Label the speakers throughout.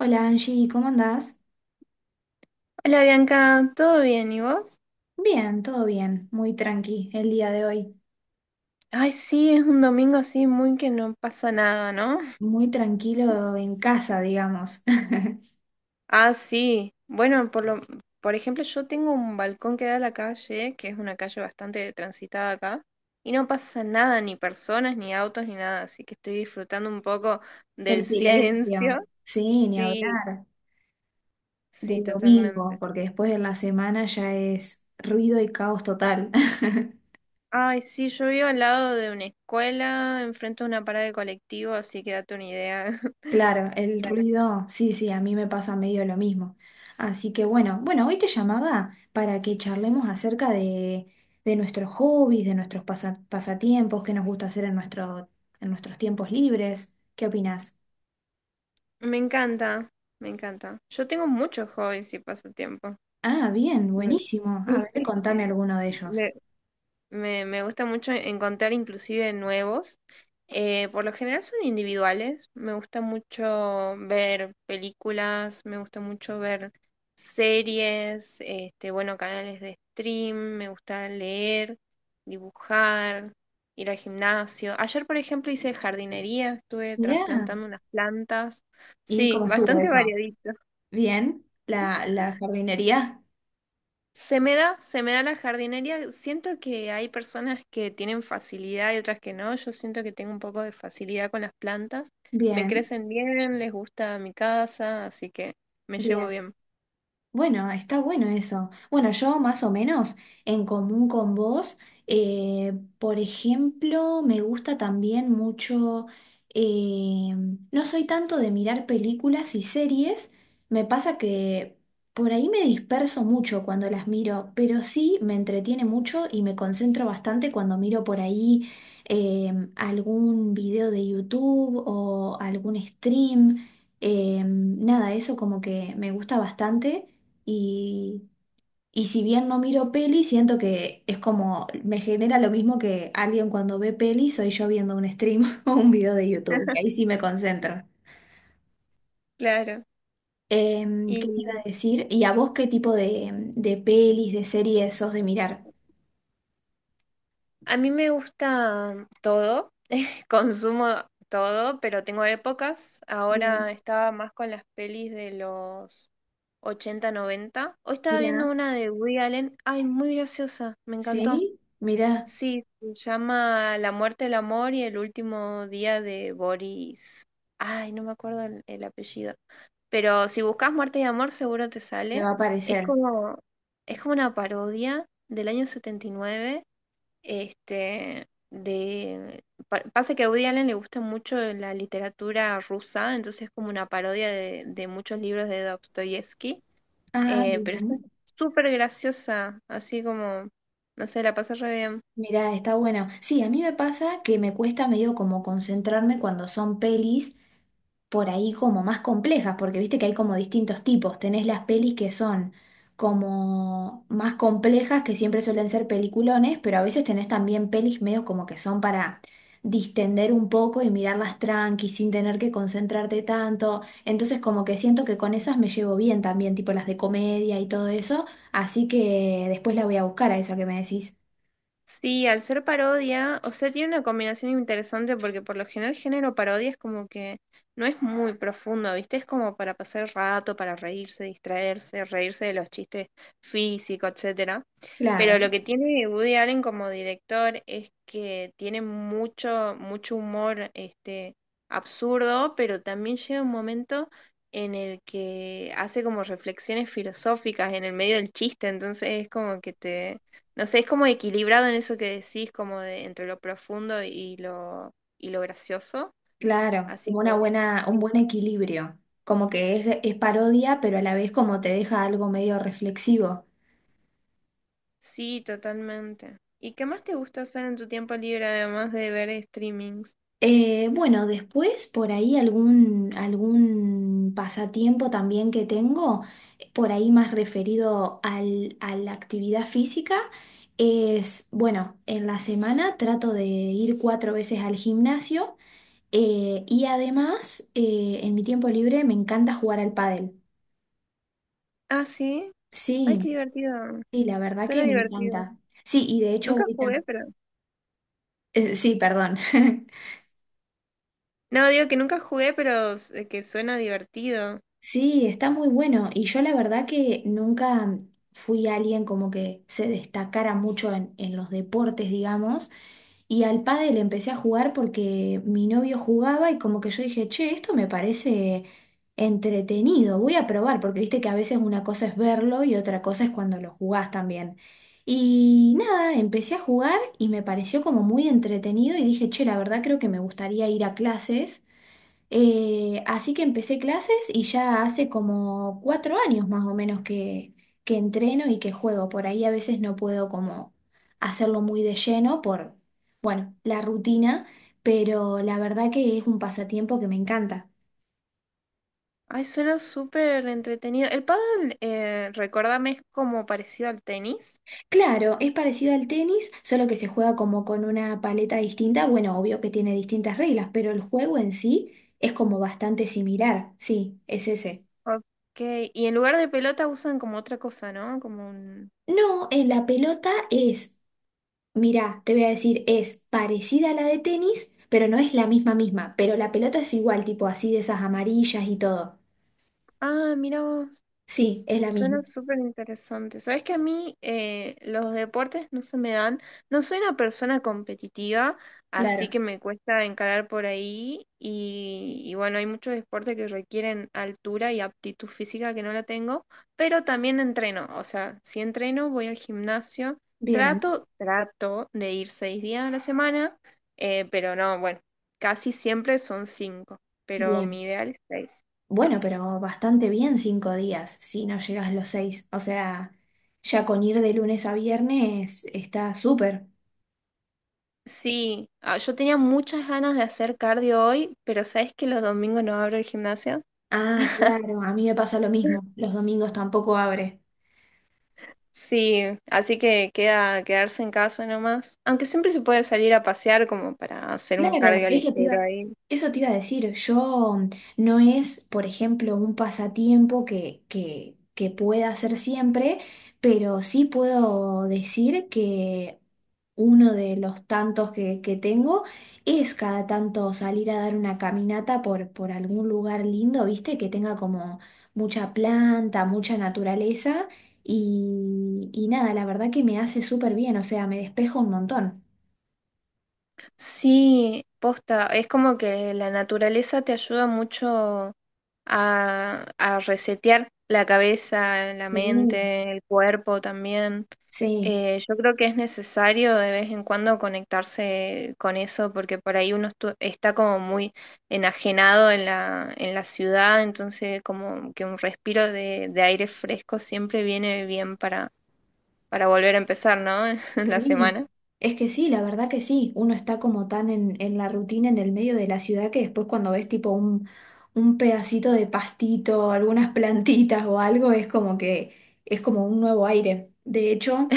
Speaker 1: Hola Angie, ¿cómo andás?
Speaker 2: Hola Bianca, ¿todo bien? ¿Y vos?
Speaker 1: Bien, todo bien, muy tranqui el día de hoy,
Speaker 2: Ay, sí, es un domingo así muy que no pasa nada, ¿no?
Speaker 1: muy tranquilo en casa, digamos.
Speaker 2: Ah, sí. Bueno, por ejemplo, yo tengo un balcón que da a la calle, que es una calle bastante transitada acá, y no pasa nada, ni personas, ni autos, ni nada, así que estoy disfrutando un poco del
Speaker 1: El
Speaker 2: silencio.
Speaker 1: silencio, sí, ni
Speaker 2: Sí,
Speaker 1: hablar
Speaker 2: sí,
Speaker 1: del domingo,
Speaker 2: totalmente.
Speaker 1: porque después de la semana ya es ruido y caos total.
Speaker 2: Ay, sí, yo vivo al lado de una escuela, enfrente de una parada de colectivo, así que date una idea.
Speaker 1: Claro, el ruido, sí, sí, a mí me pasa medio lo mismo. Así que bueno, bueno, hoy te llamaba para que charlemos acerca de nuestros hobbies, de nuestros pasatiempos, qué nos gusta hacer en en nuestros tiempos libres. ¿Qué opinás?
Speaker 2: Me encanta, me encanta. Yo tengo muchos hobbies y pasatiempos.
Speaker 1: Ah, bien,
Speaker 2: Me,
Speaker 1: buenísimo. A ver, contame alguno de ellos.
Speaker 2: me- me gusta mucho encontrar inclusive nuevos. Por lo general son individuales. Me gusta mucho ver películas, me gusta mucho ver series, este, bueno, canales de stream, me gusta leer, dibujar, ir al gimnasio. Ayer, por ejemplo, hice jardinería, estuve
Speaker 1: Mirá,
Speaker 2: trasplantando unas plantas.
Speaker 1: ¿y
Speaker 2: Sí,
Speaker 1: cómo estuvo
Speaker 2: bastante
Speaker 1: eso?
Speaker 2: variadito.
Speaker 1: Bien, la jardinería.
Speaker 2: Se me da la jardinería. Siento que hay personas que tienen facilidad y otras que no. Yo siento que tengo un poco de facilidad con las plantas. Me
Speaker 1: Bien,
Speaker 2: crecen bien, les gusta mi casa, así que me llevo
Speaker 1: bien.
Speaker 2: bien.
Speaker 1: Bueno, está bueno eso. Bueno, yo más o menos en común con vos, eh, por ejemplo, me gusta también mucho, eh, no soy tanto de mirar películas y series, me pasa que por ahí me disperso mucho cuando las miro, pero sí me entretiene mucho y me concentro bastante cuando miro por ahí algún video de YouTube o algún stream. Nada, eso como que me gusta bastante. Y, y si bien no miro peli, siento que es como, me genera lo mismo que alguien cuando ve peli, soy yo viendo un stream o un video de YouTube, y ahí sí me concentro.
Speaker 2: Claro. Y
Speaker 1: ¿Qué te iba a decir? ¿Y a vos qué tipo de pelis, de series sos de mirar?
Speaker 2: a mí me gusta todo, consumo todo, pero tengo épocas. Ahora
Speaker 1: Bien,
Speaker 2: estaba más con las pelis de los 80, 90. Hoy estaba viendo
Speaker 1: mira.
Speaker 2: una de Woody Allen. Ay, muy graciosa, me encantó.
Speaker 1: ¿Sí? Mira,
Speaker 2: Sí, se llama La muerte del amor y el último día de Boris. Ay, no me acuerdo el apellido. Pero si buscas muerte y amor, seguro te
Speaker 1: me
Speaker 2: sale.
Speaker 1: va a
Speaker 2: Es
Speaker 1: aparecer.
Speaker 2: como, es como una parodia del año 79. Este, de, pasa que a Woody Allen le gusta mucho la literatura rusa, entonces es como una parodia de muchos libros de Dostoyevsky.
Speaker 1: Ah,
Speaker 2: Pero está
Speaker 1: bien.
Speaker 2: súper graciosa, así como, no sé, la pasé re bien.
Speaker 1: Mira, está bueno. Sí, a mí me pasa que me cuesta medio como concentrarme cuando son pelis, por ahí como más complejas, porque viste que hay como distintos tipos. Tenés las pelis que son como más complejas, que siempre suelen ser peliculones, pero a veces tenés también pelis medio como que son para distender un poco y mirarlas tranqui, sin tener que concentrarte tanto. Entonces como que siento que con esas me llevo bien también, tipo las de comedia y todo eso, así que después la voy a buscar a esa que me decís.
Speaker 2: Sí, al ser parodia, o sea, tiene una combinación interesante porque por lo general el género parodia es como que no es muy profundo, ¿viste? Es como para pasar el rato, para reírse, distraerse, reírse de los chistes físicos, etcétera. Pero
Speaker 1: Claro.
Speaker 2: lo que tiene Woody Allen como director es que tiene mucho, mucho humor, este, absurdo, pero también llega un momento en el que hace como reflexiones filosóficas en el medio del chiste, entonces es como que te no sé, es como equilibrado en eso que decís, como de entre lo profundo y lo gracioso.
Speaker 1: Claro,
Speaker 2: Así
Speaker 1: como
Speaker 2: que
Speaker 1: una buena, un
Speaker 2: sí,
Speaker 1: buen equilibrio, como que es parodia, pero a la vez como te deja algo medio reflexivo.
Speaker 2: sí, totalmente. ¿Y qué más te gusta hacer en tu tiempo libre además de ver streamings?
Speaker 1: Bueno, después por ahí algún pasatiempo también que tengo, por ahí más referido a la actividad física, es, bueno, en la semana trato de ir 4 veces al gimnasio, y además en mi tiempo libre me encanta jugar al pádel.
Speaker 2: Ah, sí. Ay,
Speaker 1: Sí,
Speaker 2: qué divertido.
Speaker 1: sí, la verdad que
Speaker 2: Suena
Speaker 1: me
Speaker 2: divertido.
Speaker 1: encanta. Sí, y de hecho
Speaker 2: Nunca
Speaker 1: voy
Speaker 2: jugué, pero...
Speaker 1: sí, perdón.
Speaker 2: No, digo que nunca jugué, pero que suena divertido.
Speaker 1: Sí, está muy bueno. Y yo la verdad que nunca fui alguien como que se destacara mucho en los deportes, digamos. Y al pádel empecé a jugar porque mi novio jugaba y como que yo dije, che, esto me parece entretenido, voy a probar, porque viste que a veces una cosa es verlo y otra cosa es cuando lo jugás también. Y nada, empecé a jugar y me pareció como muy entretenido y dije, che, la verdad creo que me gustaría ir a clases. Así que empecé clases y ya hace como 4 años más o menos que entreno y que juego. Por ahí a veces no puedo como hacerlo muy de lleno por, bueno, la rutina, pero la verdad que es un pasatiempo que me encanta.
Speaker 2: Ay, suena súper entretenido. El pádel, recuérdame, es como parecido al tenis.
Speaker 1: Claro, es parecido al tenis, solo que se juega como con una paleta distinta. Bueno, obvio que tiene distintas reglas, pero el juego en sí es como bastante similar. Sí, es ese.
Speaker 2: Ok, y en lugar de pelota usan como otra cosa, ¿no? Como un...
Speaker 1: No, en la pelota es mirá, te voy a decir, es parecida a la de tenis, pero no es la misma misma. Pero la pelota es igual, tipo así de esas amarillas y todo.
Speaker 2: Ah, mira vos,
Speaker 1: Sí, es la misma.
Speaker 2: suena súper interesante. Sabes que a mí los deportes no se me dan, no soy una persona competitiva, así
Speaker 1: Claro.
Speaker 2: que me cuesta encarar por ahí y bueno, hay muchos deportes que requieren altura y aptitud física que no la tengo, pero también entreno, o sea, si entreno, voy al gimnasio,
Speaker 1: Bien,
Speaker 2: trato de ir 6 días a la semana, pero no, bueno, casi siempre son cinco, pero
Speaker 1: bien.
Speaker 2: mi ideal es seis.
Speaker 1: Bueno, pero bastante bien 5 días, si no llegas los seis. O sea, ya con ir de lunes a viernes está súper.
Speaker 2: Sí, ah, yo tenía muchas ganas de hacer cardio hoy, pero ¿sabes que los domingos no abro el gimnasio?
Speaker 1: Ah, claro, a mí me pasa lo mismo. Los domingos tampoco abre.
Speaker 2: Sí, así que queda quedarse en casa nomás. Aunque siempre se puede salir a pasear como para hacer un
Speaker 1: Claro,
Speaker 2: cardio ligero ahí.
Speaker 1: eso te iba a decir. Yo no es, por ejemplo, un pasatiempo que pueda hacer siempre, pero sí puedo decir que uno de los tantos que tengo es cada tanto salir a dar una caminata por algún lugar lindo, ¿viste? Que tenga como mucha planta, mucha naturaleza y nada, la verdad que me hace súper bien, o sea, me despejo un montón.
Speaker 2: Sí, posta, es como que la naturaleza te ayuda mucho a resetear la cabeza, la
Speaker 1: Sí.
Speaker 2: mente, el cuerpo también.
Speaker 1: Sí.
Speaker 2: Yo creo que es necesario de vez en cuando conectarse con eso porque por ahí uno está como muy enajenado en en la ciudad, entonces como que un respiro de aire fresco siempre viene bien para volver a empezar, ¿no? La
Speaker 1: Sí,
Speaker 2: semana.
Speaker 1: es que sí, la verdad que sí, uno está como tan en la rutina, en el medio de la ciudad, que después cuando ves tipo un pedacito de pastito, algunas plantitas o algo, es como que es como un nuevo aire. De hecho,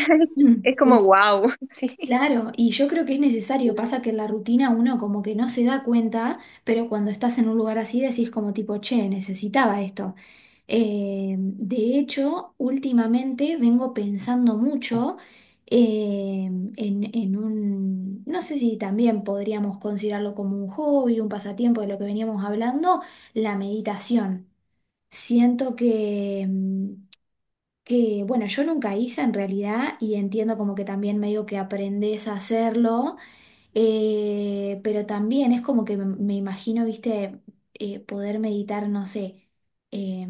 Speaker 2: Es como wow, sí.
Speaker 1: claro, y yo creo que es necesario, pasa que en la rutina uno como que no se da cuenta, pero cuando estás en un lugar así decís como tipo, che, necesitaba esto. De hecho, últimamente vengo pensando mucho eh, en un, no sé si también podríamos considerarlo como un hobby, un pasatiempo de lo que veníamos hablando, la meditación. Siento que, bueno, yo nunca hice en realidad y entiendo como que también medio que aprendes a hacerlo, pero también es como que me imagino, viste, poder meditar, no sé, eh,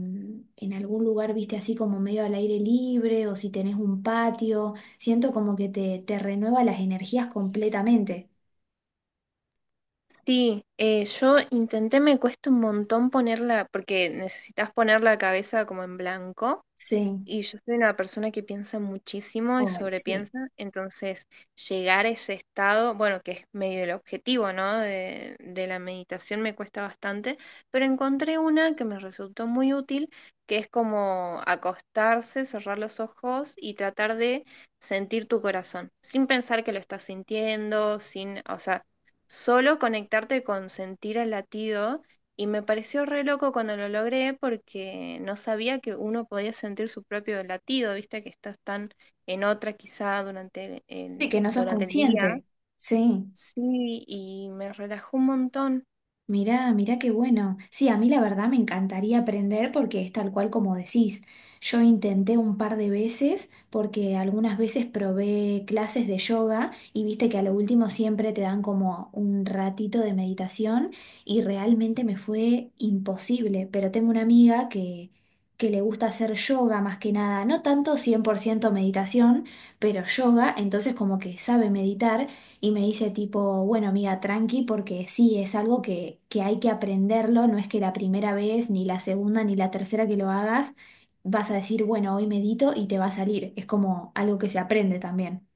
Speaker 1: en algún lugar, viste, así como medio al aire libre o si tenés un patio, siento como que te renueva las energías completamente.
Speaker 2: Sí, yo intenté, me cuesta un montón ponerla, porque necesitas poner la cabeza como en blanco.
Speaker 1: Sí,
Speaker 2: Y yo soy una persona que piensa muchísimo y
Speaker 1: ay, sí.
Speaker 2: sobrepiensa, entonces llegar a ese estado, bueno, que es medio el objetivo, ¿no? De la meditación me cuesta bastante, pero encontré una que me resultó muy útil, que es como acostarse, cerrar los ojos y tratar de sentir tu corazón, sin pensar que lo estás sintiendo, sin, o sea, solo conectarte con sentir el latido y me pareció re loco cuando lo logré porque no sabía que uno podía sentir su propio latido, viste que estás tan en otra quizá durante
Speaker 1: Sí, que no sos
Speaker 2: durante el día.
Speaker 1: consciente. Sí.
Speaker 2: Sí, y me relajó un montón.
Speaker 1: Mirá, mirá qué bueno. Sí, a mí la verdad me encantaría aprender porque es tal cual como decís. Yo intenté un par de veces porque algunas veces probé clases de yoga y viste que a lo último siempre te dan como un ratito de meditación y realmente me fue imposible. Pero tengo una amiga que le gusta hacer yoga más que nada, no tanto 100% meditación, pero yoga, entonces como que sabe meditar. Y me dice tipo, bueno, amiga, tranqui, porque sí, es algo que hay que aprenderlo, no es que la primera vez, ni la segunda, ni la tercera que lo hagas, vas a decir, bueno, hoy medito y te va a salir. Es como algo que se aprende también.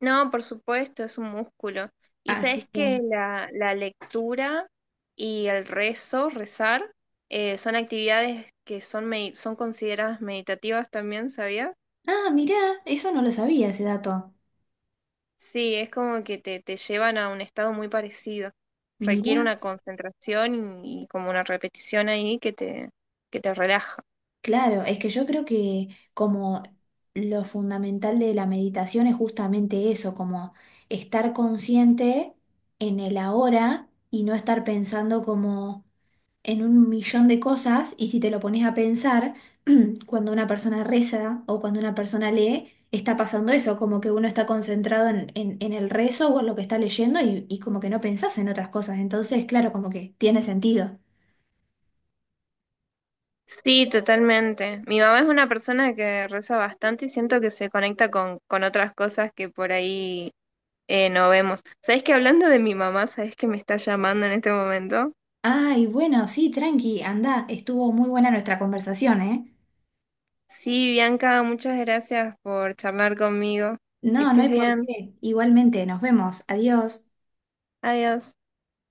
Speaker 2: No, por supuesto, es un músculo. Y
Speaker 1: Así
Speaker 2: sabes
Speaker 1: que,
Speaker 2: que la lectura y el rezo, rezar, son actividades que son, son consideradas meditativas también, ¿sabías?
Speaker 1: ah, mirá, eso no lo sabía ese dato.
Speaker 2: Sí, es como que te llevan a un estado muy parecido.
Speaker 1: Mirá,
Speaker 2: Requiere una concentración y como una repetición ahí que te relaja.
Speaker 1: claro, es que yo creo que como lo fundamental de la meditación es justamente eso, como estar consciente en el ahora y no estar pensando como en un millón de cosas y si te lo pones a pensar, cuando una persona reza o cuando una persona lee, está pasando eso, como que uno está concentrado en el rezo o en lo que está leyendo y como que no pensás en otras cosas. Entonces, claro, como que tiene sentido.
Speaker 2: Sí, totalmente. Mi mamá es una persona que reza bastante y siento que se conecta con otras cosas que por ahí no vemos. ¿Sabes que hablando de mi mamá, sabes que me está llamando en este momento?
Speaker 1: Ay, bueno, sí, tranqui, anda, estuvo muy buena nuestra conversación, ¿eh?
Speaker 2: Sí, Bianca, muchas gracias por charlar conmigo. Que
Speaker 1: No, no
Speaker 2: estés
Speaker 1: hay por
Speaker 2: bien.
Speaker 1: qué. Igualmente, nos vemos. Adiós.
Speaker 2: Adiós.